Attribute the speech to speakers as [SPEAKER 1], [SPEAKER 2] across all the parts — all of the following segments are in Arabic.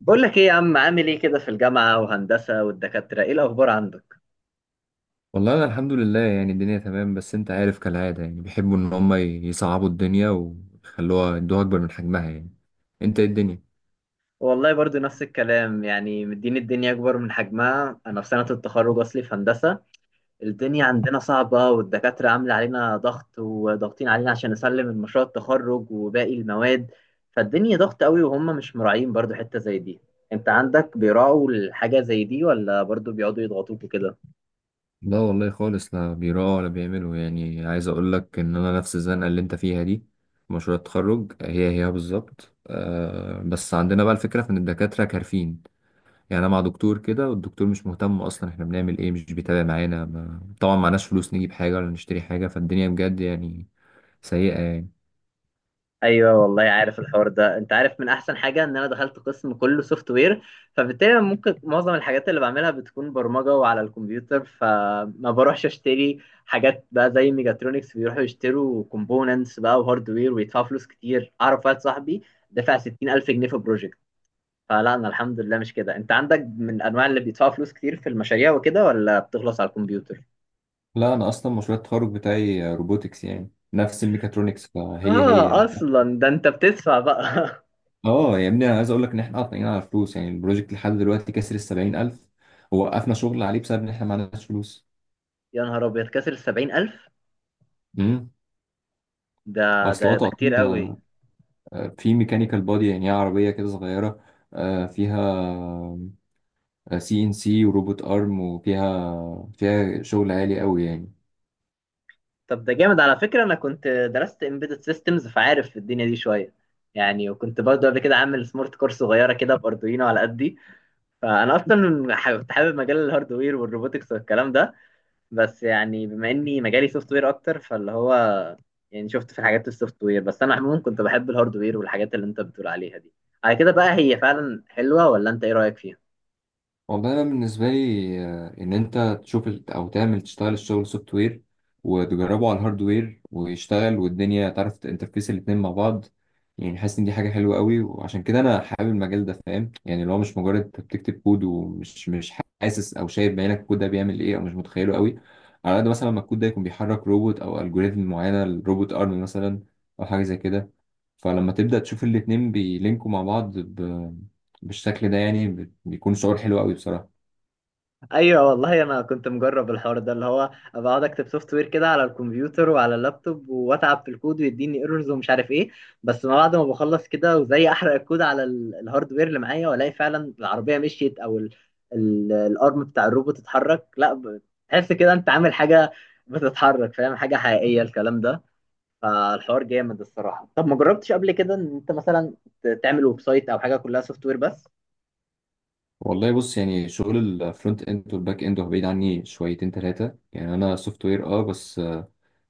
[SPEAKER 1] بقول لك ايه يا عم، عامل ايه كده في الجامعة وهندسة والدكاترة؟ ايه الأخبار عندك؟
[SPEAKER 2] والله انا الحمد لله، يعني الدنيا تمام. بس انت عارف كالعاده، يعني بيحبوا ان هم يصعبوا الدنيا ويخلوها يدوها اكبر من حجمها يعني. انت ايه الدنيا؟
[SPEAKER 1] والله برضو نفس الكلام، يعني مدين الدنيا أكبر من حجمها. أنا في سنة التخرج أصلي في هندسة. الدنيا عندنا صعبة والدكاترة عاملة علينا ضغط وضاغطين علينا عشان نسلم المشروع التخرج وباقي المواد. فالدنيا ضغط قوي وهم مش مراعين برضو حتة زي دي. أنت عندك بيراعوا الحاجة زي دي، ولا برضو بيقعدوا يضغطوك وكده؟
[SPEAKER 2] لا والله خالص، لا بيراعوا ولا بيعملوا، يعني عايز اقول لك ان انا نفس الزنقه اللي انت فيها دي. مشروع التخرج هي بالظبط. أه، بس عندنا بقى الفكره في ان الدكاتره كارفين. يعني انا مع دكتور كده، والدكتور مش مهتم اصلا احنا بنعمل ايه، مش بيتابع معانا ما... طبعا معناش فلوس نجيب حاجه ولا نشتري حاجه، فالدنيا بجد يعني سيئه يعني.
[SPEAKER 1] ايوه والله، عارف الحوار ده؟ انت عارف من احسن حاجه ان انا دخلت قسم كله سوفت وير. فبالتالي أنا ممكن معظم الحاجات اللي بعملها بتكون برمجه وعلى الكمبيوتر، فما بروحش اشتري حاجات بقى زي ميجاترونكس. بيروحوا يشتروا كومبوننتس بقى وهاردوير ويدفعوا فلوس كتير. اعرف واحد صاحبي دفع 60,000 جنيه في بروجكت. فلا انا الحمد لله مش كده. انت عندك من انواع اللي بيدفعوا فلوس كتير في المشاريع وكده، ولا بتخلص على الكمبيوتر؟
[SPEAKER 2] لا، انا اصلا مشروع التخرج بتاعي روبوتكس، يعني نفس الميكاترونكس فهي
[SPEAKER 1] اه،
[SPEAKER 2] يعني.
[SPEAKER 1] اصلا ده انت بتدفع بقى.
[SPEAKER 2] اه يا ابني، انا عايز اقول لك ان احنا قاطعين على فلوس، يعني البروجكت لحد دلوقتي كسر ال 70,000، ووقفنا شغل عليه بسبب ان احنا ما عندناش فلوس.
[SPEAKER 1] يا نهار ابيض، كسر 70,000!
[SPEAKER 2] امم
[SPEAKER 1] ده
[SPEAKER 2] اصل
[SPEAKER 1] ده
[SPEAKER 2] هو
[SPEAKER 1] ده كتير
[SPEAKER 2] تقطيع.
[SPEAKER 1] قوي.
[SPEAKER 2] في ميكانيكال بودي، يعني هي عربيه كده صغيره. فيها سي ان سي وروبوت ارم، وفيها شغل عالي قوي يعني.
[SPEAKER 1] طب ده جامد على فكرة. انا كنت درست embedded systems، فعارف الدنيا دي شوية يعني. وكنت برضه قبل كده عامل سمارت كور صغيرة كده، باردوينو على قدي. فانا اصلا كنت حابب مجال الهاردوير والروبوتكس والكلام ده. بس يعني بما اني مجالي سوفت وير اكتر، فاللي هو يعني شفت في الحاجات السوفت وير. بس انا عموما كنت بحب الهاردوير والحاجات اللي انت بتقول عليها دي. على كده بقى، هي فعلا حلوة ولا انت ايه رأيك فيها؟
[SPEAKER 2] والله أنا بالنسبة لي إن أنت تشوف أو تعمل تشتغل الشغل سوفت وير وتجربه على الهاردوير ويشتغل، والدنيا تعرف تنترفيس الاتنين مع بعض، يعني حاسس إن دي حاجة حلوة قوي، وعشان كده أنا حابب المجال ده، فاهم؟ يعني اللي هو مش مجرد أنت بتكتب كود ومش مش حاسس أو شايف بعينك الكود ده بيعمل إيه، أو مش متخيله قوي على قد مثلا ما الكود ده يكون بيحرك روبوت أو ألجوريزم معينة، الروبوت أرم مثلا أو حاجة زي كده. فلما تبدأ تشوف الاتنين بيلينكوا مع بعض بالشكل ده، يعني بيكون شعور حلو قوي بصراحة.
[SPEAKER 1] ايوه والله، انا كنت مجرب الحوار ده، اللي هو ابقى اقعد اكتب سوفت وير كده على الكمبيوتر وعلى اللابتوب، واتعب في الكود ويديني ايرورز ومش عارف ايه. بس ما بعد ما بخلص كده وزي احرق الكود على الهاردوير اللي معايا، والاقي فعلا العربيه مشيت، او الارم بتاع الروبوت اتحرك، لا. تحس كده انت عامل حاجه بتتحرك، فاهم؟ حاجه حقيقيه الكلام ده. فالحوار جامد الصراحه. طب ما جربتش قبل كده ان انت مثلا تعمل ويب سايت او حاجه كلها سوفت وير بس؟
[SPEAKER 2] والله بص، يعني شغل الفرونت اند والباك اند هو بعيد عني شويتين ثلاثة، يعني انا سوفت وير اه، بس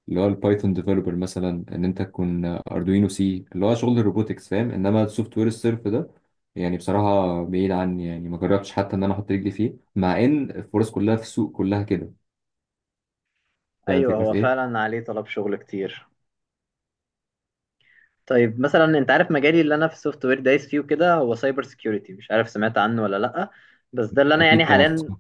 [SPEAKER 2] اللي هو البايثون ديفلوبر مثلا، ان انت تكون اردوينو سي اللي هو شغل الروبوتكس، فاهم؟ انما السوفت وير الصرف ده يعني بصراحة بعيد عني، يعني ما جربتش حتى ان انا احط رجلي فيه، مع ان الفرص كلها في السوق كلها كده. فاهم
[SPEAKER 1] ايوه،
[SPEAKER 2] الفكرة في
[SPEAKER 1] هو
[SPEAKER 2] ايه؟
[SPEAKER 1] فعلا عليه طلب شغل كتير. طيب مثلا انت عارف مجالي اللي انا في السوفت وير دايس فيه كده؟ هو سايبر سيكيورتي، مش عارف سمعت عنه ولا لا. بس ده اللي انا يعني
[SPEAKER 2] اكيد طبعا.
[SPEAKER 1] حاليا.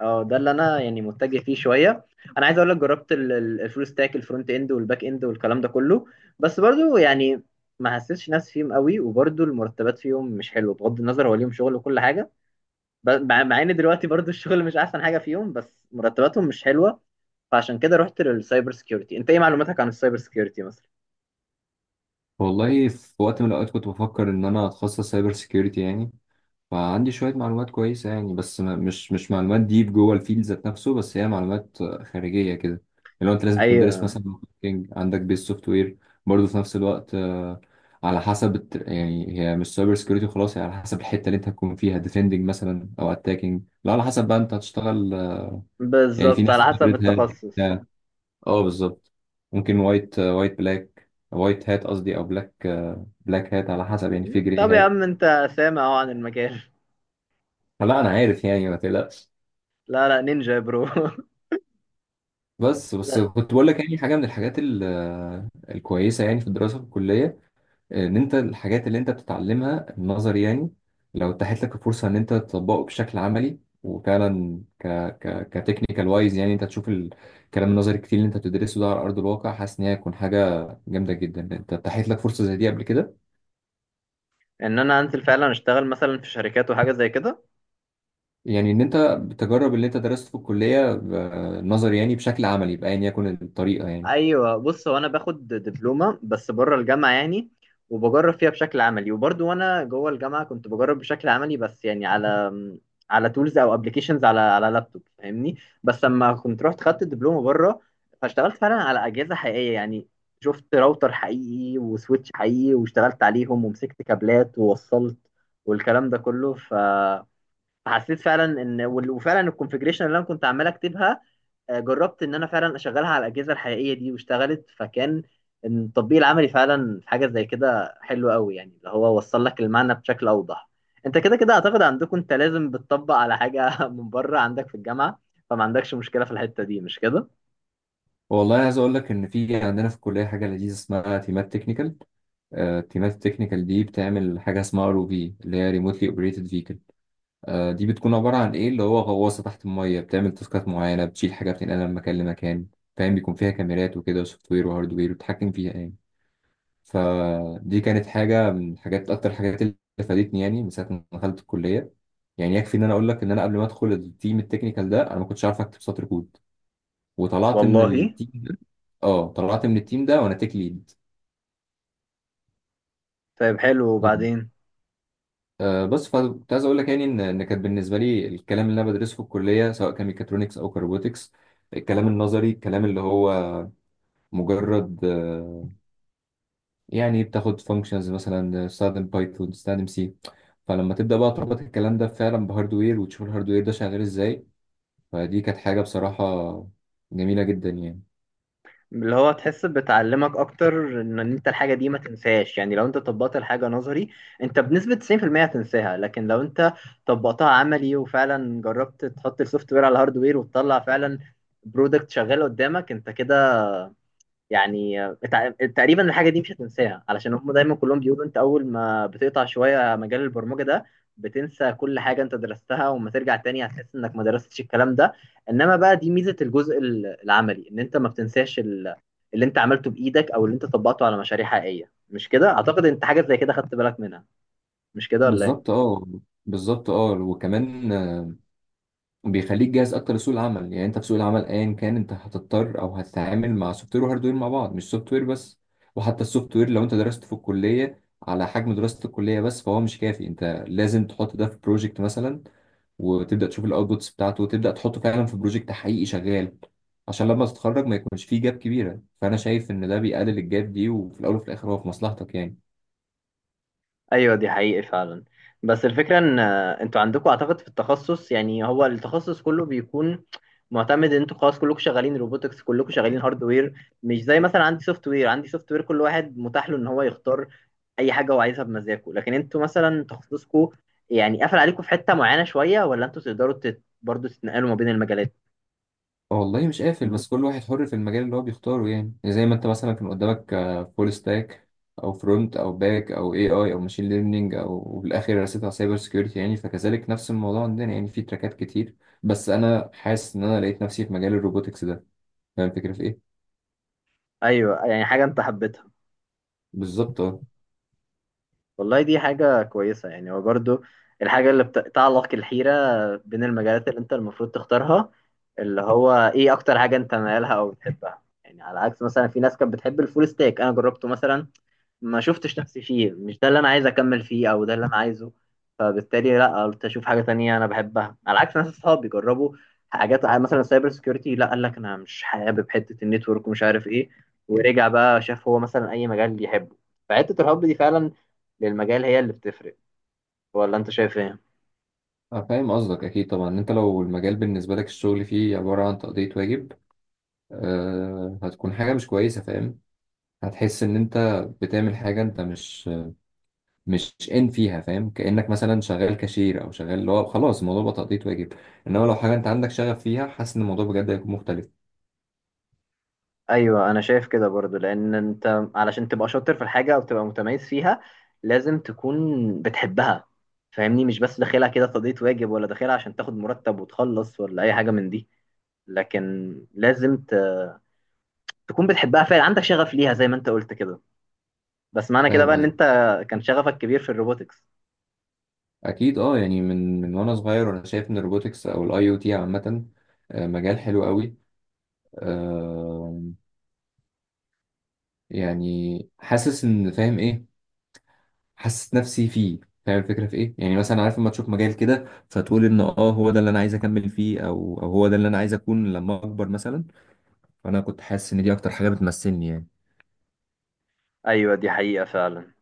[SPEAKER 1] اه ده اللي انا يعني متجه فيه شويه. انا عايز اقول لك، جربت الفول ستاك، الفرونت اند والباك اند والكلام ده كله. بس برضو يعني ما حسيتش نفسي فيهم قوي، وبرضو المرتبات فيهم مش حلوه، بغض النظر هو ليهم شغل وكل حاجه. مع ان دلوقتي برضو الشغل مش احسن حاجه فيهم، بس مرتباتهم مش حلوه. فعشان كده رحت للسايبر سيكيورتي. انت ايه معلوماتك عن السايبر سيكيورتي مثلا؟
[SPEAKER 2] والله في وقت من الاوقات كنت بفكر ان انا اتخصص سايبر سيكيورتي يعني، فعندي شوية معلومات كويسة يعني، بس ما مش معلومات ديب جوه الفيلد ذات نفسه، بس هي معلومات خارجية كده. اللي هو أنت لازم
[SPEAKER 1] اي،
[SPEAKER 2] تكون دارس مثلا marketing، عندك بيز سوفت وير برضه في نفس الوقت. على حسب يعني هي مش سايبر سكيورتي خلاص، هي على حسب الحتة اللي أنت هتكون فيها، ديفندنج مثلا أو أتاكينج، لا على حسب بقى أنت هتشتغل. يعني في
[SPEAKER 1] بالظبط،
[SPEAKER 2] ناس
[SPEAKER 1] على حسب
[SPEAKER 2] ريد هات
[SPEAKER 1] التخصص.
[SPEAKER 2] بتاع. أه بالظبط. ممكن وايت بلاك وايت هات قصدي، أو بلاك، بلاك هات على حسب، يعني في جري
[SPEAKER 1] طب يا
[SPEAKER 2] هات.
[SPEAKER 1] عم انت سامع اهو عن المجال.
[SPEAKER 2] فلا أنا عارف يعني ما تقلقش.
[SPEAKER 1] لا لا، نينجا يا برو.
[SPEAKER 2] بس بس
[SPEAKER 1] لا،
[SPEAKER 2] كنت بقول لك يعني حاجه من الحاجات الكويسه يعني في الدراسه في الكليه، ان انت الحاجات اللي انت بتتعلمها النظر يعني لو اتاحت لك الفرصه ان انت تطبقه بشكل عملي وفعلا ك ك كتكنيكال وايز، يعني انت تشوف الكلام النظري كتير اللي انت بتدرسه ده على ارض الواقع، حاسس ان هي هتكون حاجه جامده جدا. انت اتاحت لك فرصه زي دي قبل كده؟
[SPEAKER 1] ان انا انزل فعلا اشتغل مثلا في شركات وحاجه زي كده؟
[SPEAKER 2] يعني ان انت بتجرب اللي انت درسته في الكليه نظري يعني بشكل عملي بايا يكن الطريقه يعني.
[SPEAKER 1] ايوه بص، هو انا باخد دبلومه بس بره الجامعه يعني. وبجرب فيها بشكل عملي، وبرضو وانا جوه الجامعه كنت بجرب بشكل عملي، بس يعني على تولز او ابلكيشنز، على لابتوب فاهمني. بس لما كنت رحت خدت الدبلومه بره، فاشتغلت فعلا على اجهزه حقيقيه يعني. شفت راوتر حقيقي وسويتش حقيقي، واشتغلت عليهم ومسكت كابلات ووصلت والكلام ده كله. فحسيت فعلا ان وفعلا الكونفجريشن اللي انا كنت عمال اكتبها، جربت ان انا فعلا اشغلها على الاجهزه الحقيقيه دي واشتغلت، فكان التطبيق العملي فعلا في حاجه زي كده حلو قوي يعني، اللي هو وصل لك المعنى بشكل اوضح. انت كده كده اعتقد عندكم، انت لازم بتطبق على حاجه من بره، عندك في الجامعه. فما عندكش مشكله في الحته دي، مش كده؟
[SPEAKER 2] والله عايز اقول لك ان في عندنا في الكليه حاجه لذيذه اسمها تيمات تكنيكال. التيمات التكنيكال دي بتعمل حاجه اسمها ار او في، اللي هي ريموتلي اوبريتد فيكل. دي بتكون عباره عن ايه اللي هو غواصه تحت الميه بتعمل تاسكات معينه، بتشيل حاجه بتنقلها من مكان لمكان، فاهم؟ بيكون فيها كاميرات وكده وسوفت وير وهارد وير، وبتحكم فيها يعني. فدي كانت حاجه من الحاجات اكتر حاجات اللي فادتني يعني من ساعه ما دخلت الكليه. يعني يكفي ان انا اقول لك ان انا قبل ما ادخل التيم التكنيكال ده انا ما كنتش عارف اكتب سطر كود، وطلعت من
[SPEAKER 1] والله
[SPEAKER 2] التيم ده. اه، طلعت من التيم ده وانا تيك ليد
[SPEAKER 1] طيب، حلو،
[SPEAKER 2] يعني.
[SPEAKER 1] وبعدين؟
[SPEAKER 2] بس فكنت عايز اقول لك يعني ان كانت بالنسبه لي الكلام اللي انا بدرسه في الكليه، سواء كان ميكاترونكس او كروبوتكس، الكلام النظري الكلام اللي هو مجرد يعني بتاخد فانكشنز مثلا، استخدم بايثون استخدم سي. فلما تبدا بقى تربط الكلام ده فعلا بهاردوير وتشوف الهاردوير ده شغال ازاي، فدي كانت حاجه بصراحه جميله جدا يعني.
[SPEAKER 1] اللي هو تحس بتعلمك اكتر، ان انت الحاجه دي ما تنساش. يعني لو انت طبقت الحاجه نظري، انت بنسبه 90% هتنساها. لكن لو انت طبقتها عملي، وفعلا جربت تحط السوفت وير على الهارد وير وتطلع فعلا برودكت شغال قدامك، انت كده يعني تقريبا الحاجه دي مش هتنساها. علشان هم دايما كلهم بيقولوا انت اول ما بتقطع شويه مجال البرمجه ده، بتنسى كل حاجه انت درستها، وما ترجع تاني هتحس انك ما درستش الكلام ده. انما بقى دي ميزه الجزء العملي، ان انت ما بتنساش اللي انت عملته بايدك او اللي انت طبقته على مشاريع حقيقيه. مش كده؟ اعتقد انت حاجه زي كده خدت بالك منها، مش كده ولا إيه؟
[SPEAKER 2] بالظبط اه. بالظبط اه، وكمان بيخليك جاهز اكتر لسوق العمل، يعني انت في سوق العمل ايا كان انت هتضطر او هتتعامل مع سوفت وير وهاردوير مع بعض، مش سوفت وير بس. وحتى السوفت وير لو انت درسته في الكليه على حجم دراسه الكليه بس فهو مش كافي، انت لازم تحط ده في بروجكت مثلا، وتبدا تشوف الاوتبوتس بتاعته وتبدا تحطه فعلا في بروجكت حقيقي شغال، عشان لما تتخرج ما يكونش فيه جاب كبيره. فانا شايف ان ده بيقلل الجاب دي، وفي الاول وفي الاخر هو في مصلحتك يعني.
[SPEAKER 1] ايوه، دي حقيقة فعلا. بس الفكرة ان انتوا عندكم اعتقد في التخصص، يعني هو التخصص كله بيكون معتمد ان انتوا خلاص كلكم شغالين روبوتكس، كلكم شغالين هاردوير. مش زي مثلا عندي سوفت وير، عندي سوفت وير كل واحد متاح له ان هو يختار اي حاجة هو عايزها بمزاجه. لكن انتوا مثلا تخصصكم يعني قافل عليكم في حتة معينة شوية، ولا انتوا تقدروا برضه تتنقلوا ما بين المجالات؟
[SPEAKER 2] والله مش قافل، بس كل واحد حر في المجال اللي هو بيختاره يعني. يعني زي ما انت مثلا كان قدامك فول ستاك او فرونت او باك او اي اي او ماشين ليرنينج وبالاخر رسيت على سايبر سكيورتي يعني، فكذلك نفس الموضوع عندنا يعني، في تراكات كتير، بس انا حاسس ان انا لقيت نفسي في مجال الروبوتكس ده، فاهم الفكره في ايه؟
[SPEAKER 1] ايوه، يعني حاجة انت حبيتها.
[SPEAKER 2] بالظبط اه.
[SPEAKER 1] والله دي حاجة كويسة. يعني هو برضو الحاجة اللي بتعلق الحيرة بين المجالات اللي انت المفروض تختارها، اللي هو ايه اكتر حاجة انت مالها او بتحبها. يعني على عكس مثلا في ناس كانت بتحب الفول ستاك، انا جربته مثلا، ما شفتش نفسي فيه، مش ده اللي انا عايز اكمل فيه او ده اللي انا عايزه. فبالتالي لا، قلت اشوف حاجه تانية انا بحبها. على عكس ناس اصحابي جربوا حاجات مثلا سايبر سكيورتي، لا قال لك انا مش حابب حته النتورك ومش عارف ايه، ورجع بقى شاف هو مثلا اي مجال بيحبه. فحته الحب دي فعلا للمجال هي اللي بتفرق، ولا انت شايف ايه؟
[SPEAKER 2] أنا فاهم قصدك اكيد طبعا، إن انت لو المجال بالنسبه لك الشغل فيه عباره عن تقضيه واجب، أه هتكون حاجه مش كويسه، فاهم؟ هتحس ان انت بتعمل حاجه انت مش ان فيها، فاهم؟ كانك مثلا شغال كاشير او شغال اللي هو خلاص الموضوع بقى تقضية واجب. انما لو حاجه انت عندك شغف فيها، حاسس ان الموضوع بجد هيكون مختلف.
[SPEAKER 1] ايوه انا شايف كده برضو. لان انت علشان تبقى شاطر في الحاجه او تبقى متميز فيها، لازم تكون بتحبها فاهمني. مش بس داخلها كده تقضية واجب، ولا داخلها عشان تاخد مرتب وتخلص ولا اي حاجه من دي، لكن لازم تكون بتحبها فعلا، عندك شغف ليها زي ما انت قلت كده. بس معنى كده
[SPEAKER 2] فاهم
[SPEAKER 1] بقى ان
[SPEAKER 2] قصدي؟
[SPEAKER 1] انت كان شغفك كبير في الروبوتكس.
[SPEAKER 2] اكيد اه. يعني من وانا صغير وانا شايف ان الروبوتكس او الاي او تي عامه مجال حلو قوي. آه، يعني حاسس ان فاهم ايه؟ حاسس نفسي فيه، فاهم الفكره في ايه؟ يعني مثلا عارف لما تشوف مجال كده فتقول ان اه هو ده اللي انا عايز اكمل فيه، او هو ده اللي انا عايز اكون لما اكبر مثلا. فانا كنت حاسس ان دي اكتر حاجه بتمثلني يعني
[SPEAKER 1] ايوه دي حقيقه فعلا.